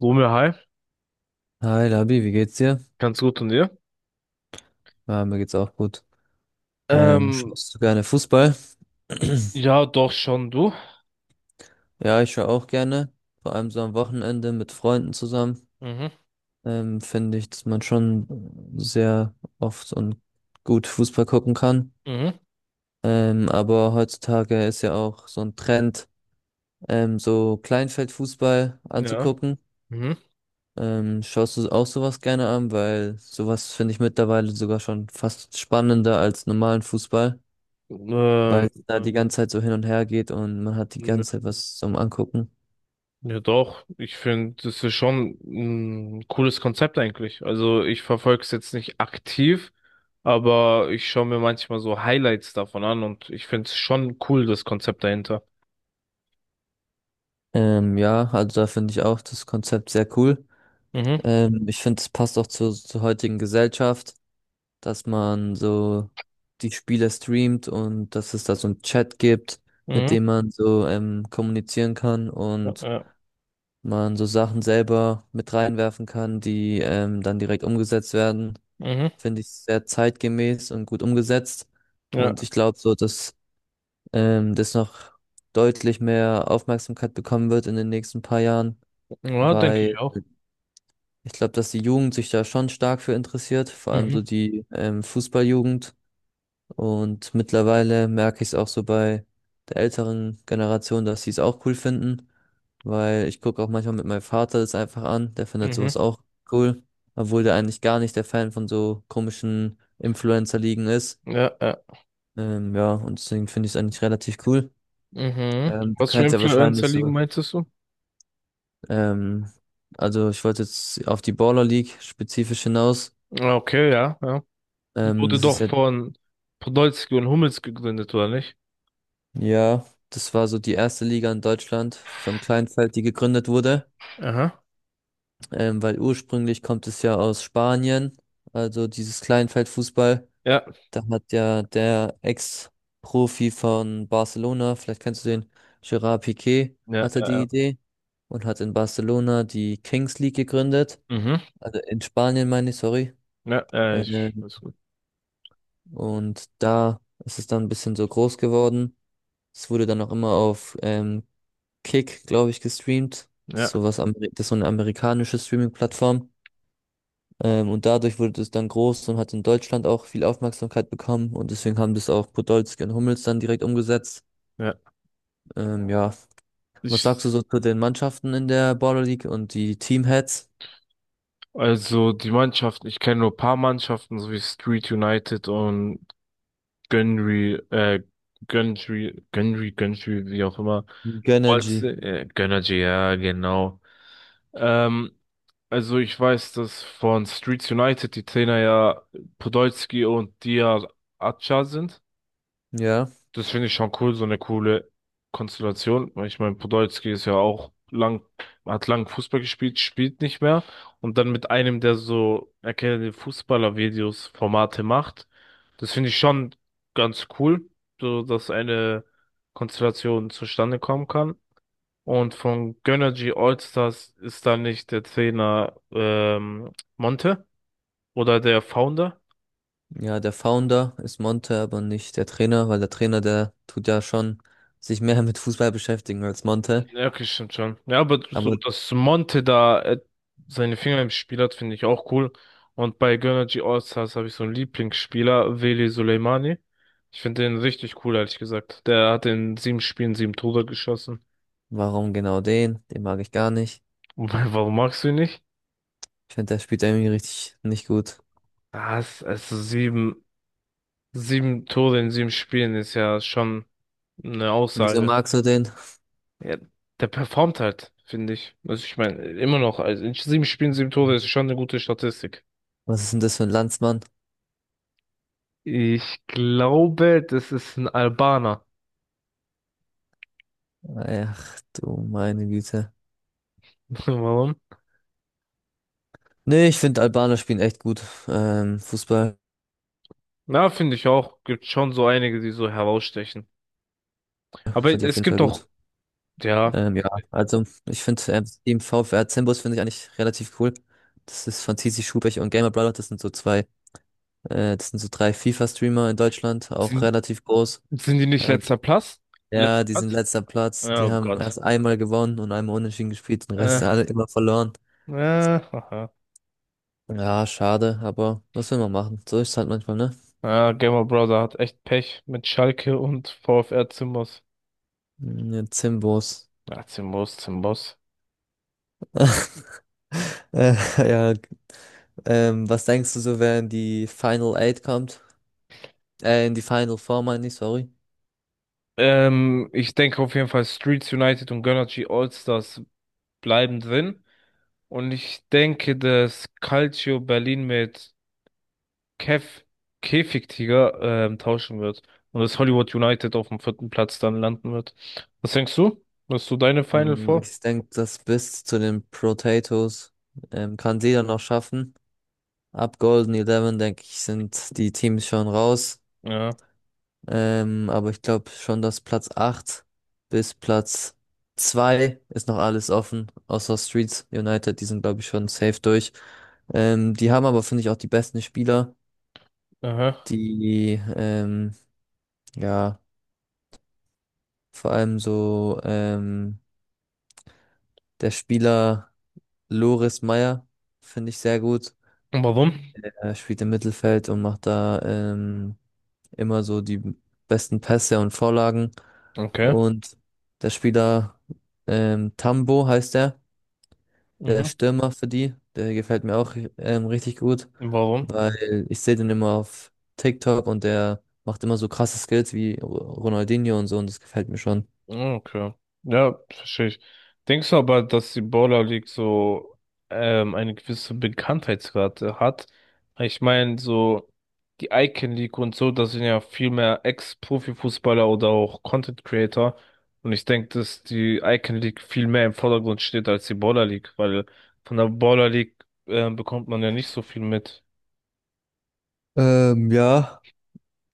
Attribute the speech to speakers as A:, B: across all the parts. A: Romeo, hi,
B: Hi Labi, wie geht's dir?
A: ganz gut und dir?
B: Ja, mir geht's auch gut.
A: Ähm,
B: Schaust du gerne Fußball?
A: ja, doch schon, du.
B: Ja, ich schaue auch gerne. Vor allem so am Wochenende mit Freunden zusammen.
A: Mhm,
B: Finde ich, dass man schon sehr oft und gut Fußball gucken kann.
A: mhm,
B: Aber heutzutage ist ja auch so ein Trend, so Kleinfeldfußball
A: ja,
B: anzugucken.
A: mhm.
B: Schaust du auch sowas gerne an? Weil sowas finde ich mittlerweile sogar schon fast spannender als normalen Fußball.
A: Ähm,
B: Weil es da, ja, die ganze Zeit so hin und her geht und man hat die ganze Zeit was zum Angucken.
A: ja, doch, ich finde, das ist schon ein cooles Konzept eigentlich. Also, ich verfolge es jetzt nicht aktiv, aber ich schaue mir manchmal so Highlights davon an und ich finde es schon cool, das Konzept dahinter.
B: Ja, also da finde ich auch das Konzept sehr cool.
A: Mhm,
B: Ich finde, es passt auch zur heutigen Gesellschaft, dass man so die Spiele streamt und dass es da so einen Chat gibt, mit
A: mhm,
B: dem man so kommunizieren kann
A: ja,
B: und
A: ja,
B: man so Sachen selber mit reinwerfen kann, die dann direkt umgesetzt werden.
A: mhm,
B: Finde ich sehr zeitgemäß und gut umgesetzt. Und
A: ja,
B: ich glaube so, dass das noch deutlich mehr Aufmerksamkeit bekommen wird in den nächsten paar Jahren,
A: ja, denke
B: weil
A: ich auch.
B: ich glaube, dass die Jugend sich da schon stark für interessiert, vor allem
A: Mhm,
B: so die Fußballjugend. Und mittlerweile merke ich es auch so bei der älteren Generation, dass sie es auch cool finden, weil ich gucke auch manchmal mit meinem Vater das einfach an, der findet
A: mhm,
B: sowas auch cool, obwohl der eigentlich gar nicht der Fan von so komischen Influencer-Ligen ist.
A: ja, ja,
B: Ja, und deswegen finde ich es eigentlich relativ cool.
A: mhm.
B: Du
A: Was für
B: kannst ja
A: Influencer
B: wahrscheinlich
A: liegen,
B: so.
A: meintest du?
B: Ähm, also ich wollte jetzt auf die Baller League spezifisch hinaus.
A: Ja, okay, ja, ja. Die
B: Ähm,
A: wurde
B: das ist
A: doch
B: ja,
A: von Podolski und Hummels gegründet, oder nicht?
B: ja, das war so die erste Liga in Deutschland vom Kleinfeld, die gegründet wurde.
A: Aha.
B: Weil ursprünglich kommt es ja aus Spanien, also dieses Kleinfeldfußball.
A: Ja,
B: Da hat ja der Ex-Profi von Barcelona, vielleicht kennst du den, Gerard Piqué,
A: ja,
B: hatte
A: ja,
B: die
A: ja.
B: Idee und hat in Barcelona die Kings League gegründet.
A: Mhm.
B: Also in Spanien meine ich, sorry.
A: Ja, ja,
B: Äh,
A: ich weiß gut.
B: Und da ist es dann ein bisschen so groß geworden. Es wurde dann auch immer auf Kick, glaube ich, gestreamt.
A: Ja,
B: Das ist so eine amerikanische Streaming-Plattform. Und dadurch wurde es dann groß und hat in Deutschland auch viel Aufmerksamkeit bekommen. Und deswegen haben das auch Podolski und Hummels dann direkt umgesetzt.
A: ja.
B: Ja, was
A: Ich,
B: sagst du so zu den Mannschaften in der Baller League und die Teamheads?
A: also die Mannschaften, ich kenne nur ein paar Mannschaften, so wie Street United und Gönnry, äh, Gönnry, wie auch immer.
B: Genergy.
A: Gönnergy, ja, genau. Ähm, also ich weiß, dass von Streets United die Trainer ja Podolski und Diar Acha sind.
B: Ja.
A: Das finde ich schon cool, so eine coole Konstellation. Weil ich meine, Podolski ist ja auch lang, hat lang Fußball gespielt, spielt nicht mehr. Und dann mit einem, der so erkennende Fußballer-Videos, Formate macht. Das finde ich schon ganz cool, so dass eine Konstellation zustande kommen kann. Und von Gönnergy Allstars ist da nicht der Trainer Monte oder der Founder?
B: Ja, der Founder ist Monte, aber nicht der Trainer, weil der Trainer, der tut ja schon sich mehr mit Fußball beschäftigen als Monte.
A: Ja, okay, stimmt schon. Ja, aber so,
B: Aber
A: dass Monte da seine Finger im Spiel hat, finde ich auch cool. Und bei Gönnergy Allstars habe ich so einen Lieblingsspieler, Veli Soleimani. Ich finde den richtig cool, ehrlich gesagt. Der hat in sieben Spielen sieben Tore geschossen.
B: warum genau den? Den mag ich gar nicht.
A: Und warum magst du ihn nicht?
B: Ich finde, der spielt irgendwie richtig nicht gut.
A: Also sieben Tore in sieben Spielen ist ja schon eine
B: Wieso
A: Aussage.
B: magst du den?
A: Ja, der performt halt, finde ich. Also ich meine, immer noch, also in sieben Spielen, sieben Tore ist schon eine gute Statistik.
B: Was ist denn das für ein Landsmann?
A: Ich glaube, das ist ein Albaner.
B: Ach du meine Güte.
A: Warum?
B: Nee, ich finde, Albaner spielen echt gut. Fußball
A: Na, finde ich auch. Gibt schon so einige, die so herausstechen. Aber
B: sind die auf
A: es
B: jeden Fall
A: gibt auch,
B: gut.
A: ja,
B: Ja, also ich finde, das Team VfR Zimbus finde ich eigentlich relativ cool. Das ist von TC Schubech und Gamer Brother. Das sind so drei FIFA-Streamer in Deutschland, auch
A: sind,
B: relativ groß.
A: sind die nicht
B: Äh,
A: letzter Platz?
B: ja,
A: Letzter
B: die sind
A: Platz?
B: letzter Platz. Die
A: Oh
B: haben
A: Gott.
B: erst einmal gewonnen und einmal unentschieden gespielt, den
A: Äh,
B: Rest alle immer verloren.
A: Haha.
B: Ja, schade, aber was will man machen? So ist es halt manchmal, ne?
A: Ja, Gamer Brother hat echt Pech mit Schalke und VfR Zimbos.
B: Ja, Zimbos.
A: Ja, Zimbos, Zimbos.
B: Äh, ja. Was denkst du so, wer in die Final Eight kommt? In die Final Four, meine ich, sorry.
A: Ich denke auf jeden Fall Streets United und Gönnergy Allstars bleiben drin. Und ich denke, dass Calcio Berlin mit Kev Käfigtiger tauschen wird. Und dass Hollywood United auf dem vierten Platz dann landen wird. Was denkst du? Hast du deine Final vor?
B: Ich denke, das bis zu den Potatoes kann jeder noch schaffen. Ab Golden Eleven, denke ich, sind die Teams schon raus.
A: Ja.
B: Aber ich glaube schon, dass Platz 8 bis Platz 2 ist noch alles offen, außer Streets United, die sind, glaube ich, schon safe durch. Die haben aber, finde ich, auch die besten Spieler,
A: Aha.
B: die, ja, vor allem so, der Spieler Loris Meyer, finde ich sehr gut.
A: Und warum?
B: Er spielt im Mittelfeld und macht da immer so die besten Pässe und Vorlagen.
A: Okay.
B: Und der Spieler Tambo heißt er, der
A: Mhm.
B: Stürmer für die, der gefällt mir auch richtig gut,
A: Warum?
B: weil ich sehe den immer auf TikTok und der macht immer so krasse Skills wie Ronaldinho und so und das gefällt mir schon.
A: Ah, okay. Ja, verstehe ich. Denkst du aber, dass die Baller League so eine gewisse Bekanntheitsrate hat? Ich meine, so die Icon League und so, das sind ja viel mehr Ex-Profi-Fußballer oder auch Content Creator. Und ich denke, dass die Icon League viel mehr im Vordergrund steht als die Baller League, weil von der Baller League bekommt man ja nicht so viel mit.
B: Ja.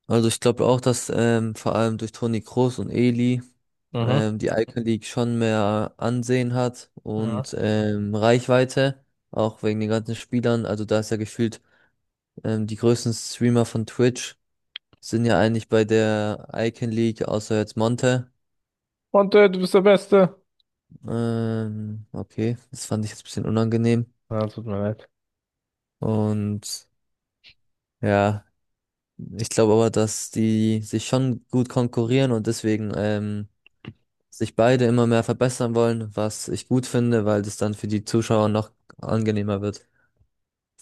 B: Also ich glaube auch, dass vor allem durch Toni Kroos und Eli
A: Mhm.
B: die Icon League schon mehr Ansehen hat
A: Mhm.
B: und Reichweite, auch wegen den ganzen Spielern. Also da ist ja gefühlt, die größten Streamer von Twitch sind ja eigentlich bei der Icon League, außer jetzt Monte.
A: Und du bist der Beste.
B: Okay, das fand ich jetzt ein bisschen unangenehm.
A: Ja, tut mir leid.
B: Und ja, ich glaube aber, dass die sich schon gut konkurrieren und deswegen sich beide immer mehr verbessern wollen, was ich gut finde, weil das dann für die Zuschauer noch angenehmer wird.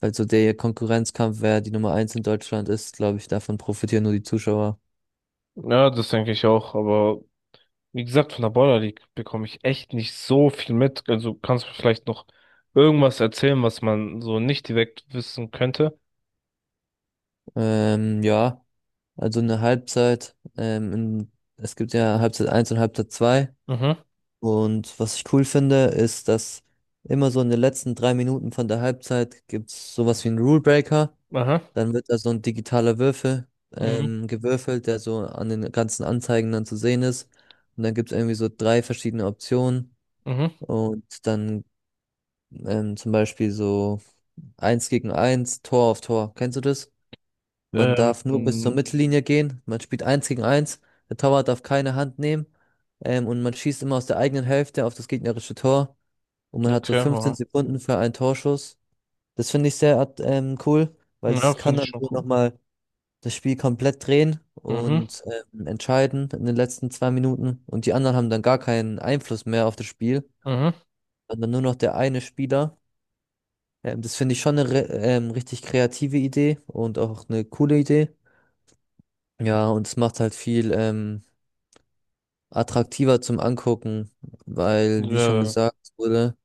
B: Weil so der Konkurrenzkampf, wer die Nummer eins in Deutschland ist, glaube ich, davon profitieren nur die Zuschauer.
A: Ja, das denke ich auch, aber wie gesagt, von der Border League bekomme ich echt nicht so viel mit. Also kannst du vielleicht noch irgendwas erzählen, was man so nicht direkt wissen könnte?
B: Ja, also eine Halbzeit, es gibt ja Halbzeit eins und Halbzeit zwei.
A: Mhm,
B: Und was ich cool finde, ist, dass immer so in den letzten 3 Minuten von der Halbzeit gibt's sowas wie einen Rule Breaker.
A: aha,
B: Dann wird da so ein digitaler Würfel
A: mhm,
B: gewürfelt, der so an den ganzen Anzeigen dann zu sehen ist. Und dann gibt es irgendwie so drei verschiedene Optionen.
A: mhm.
B: Und dann zum Beispiel so eins gegen eins, Tor auf Tor. Kennst du das? Man
A: Ähm,
B: darf nur bis zur
A: mh,
B: Mittellinie gehen. Man spielt eins gegen eins. Der Torwart darf keine Hand nehmen. Und man schießt immer aus der eigenen Hälfte auf das gegnerische Tor. Und man hat so
A: okay,
B: 15
A: aha.
B: Sekunden für einen Torschuss. Das finde ich sehr cool, weil
A: Ja,
B: es kann
A: finde ich
B: dann
A: schon
B: so
A: cool.
B: nochmal das Spiel komplett drehen
A: Mhm,
B: und entscheiden in den letzten 2 Minuten und die anderen haben dann gar keinen Einfluss mehr auf das Spiel,
A: mhm.
B: sondern nur noch der eine Spieler. Das finde ich schon eine richtig kreative Idee und auch eine coole Idee. Ja, und es macht halt viel attraktiver zum Angucken, weil, wie schon
A: Äh,
B: gesagt wurde,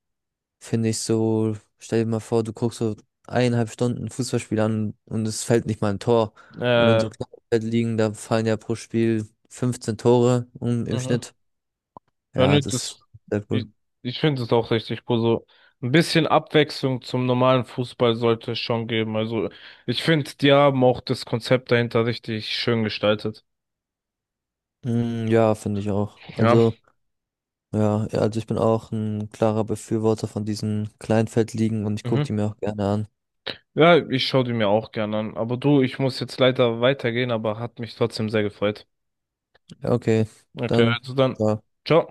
B: finde ich so, stell dir mal vor, du guckst so 1,5 Stunden ein Fußballspiel an und es fällt nicht mal ein Tor. Und in
A: äh,
B: so kleinen liegen, da fallen ja pro Spiel 15 Tore um, im
A: mhm.
B: Schnitt.
A: Ja,
B: Ja,
A: nee,
B: das ist sehr cool.
A: ich, ich finde es auch richtig cool. So ein bisschen Abwechslung zum normalen Fußball sollte es schon geben. Also ich finde, die haben auch das Konzept dahinter richtig schön gestaltet.
B: Mm, ja, finde ich auch.
A: Ja.
B: Also, ja, ja, also ich bin auch ein klarer Befürworter von diesen Kleinfeldligen und ich gucke die
A: Mhm.
B: mir auch gerne an.
A: Ja, ich schaue die mir auch gerne an. Aber du, ich muss jetzt leider weitergehen, aber hat mich trotzdem sehr gefreut.
B: Ja, okay,
A: Okay,
B: dann.
A: also dann.
B: Ciao.
A: Ciao.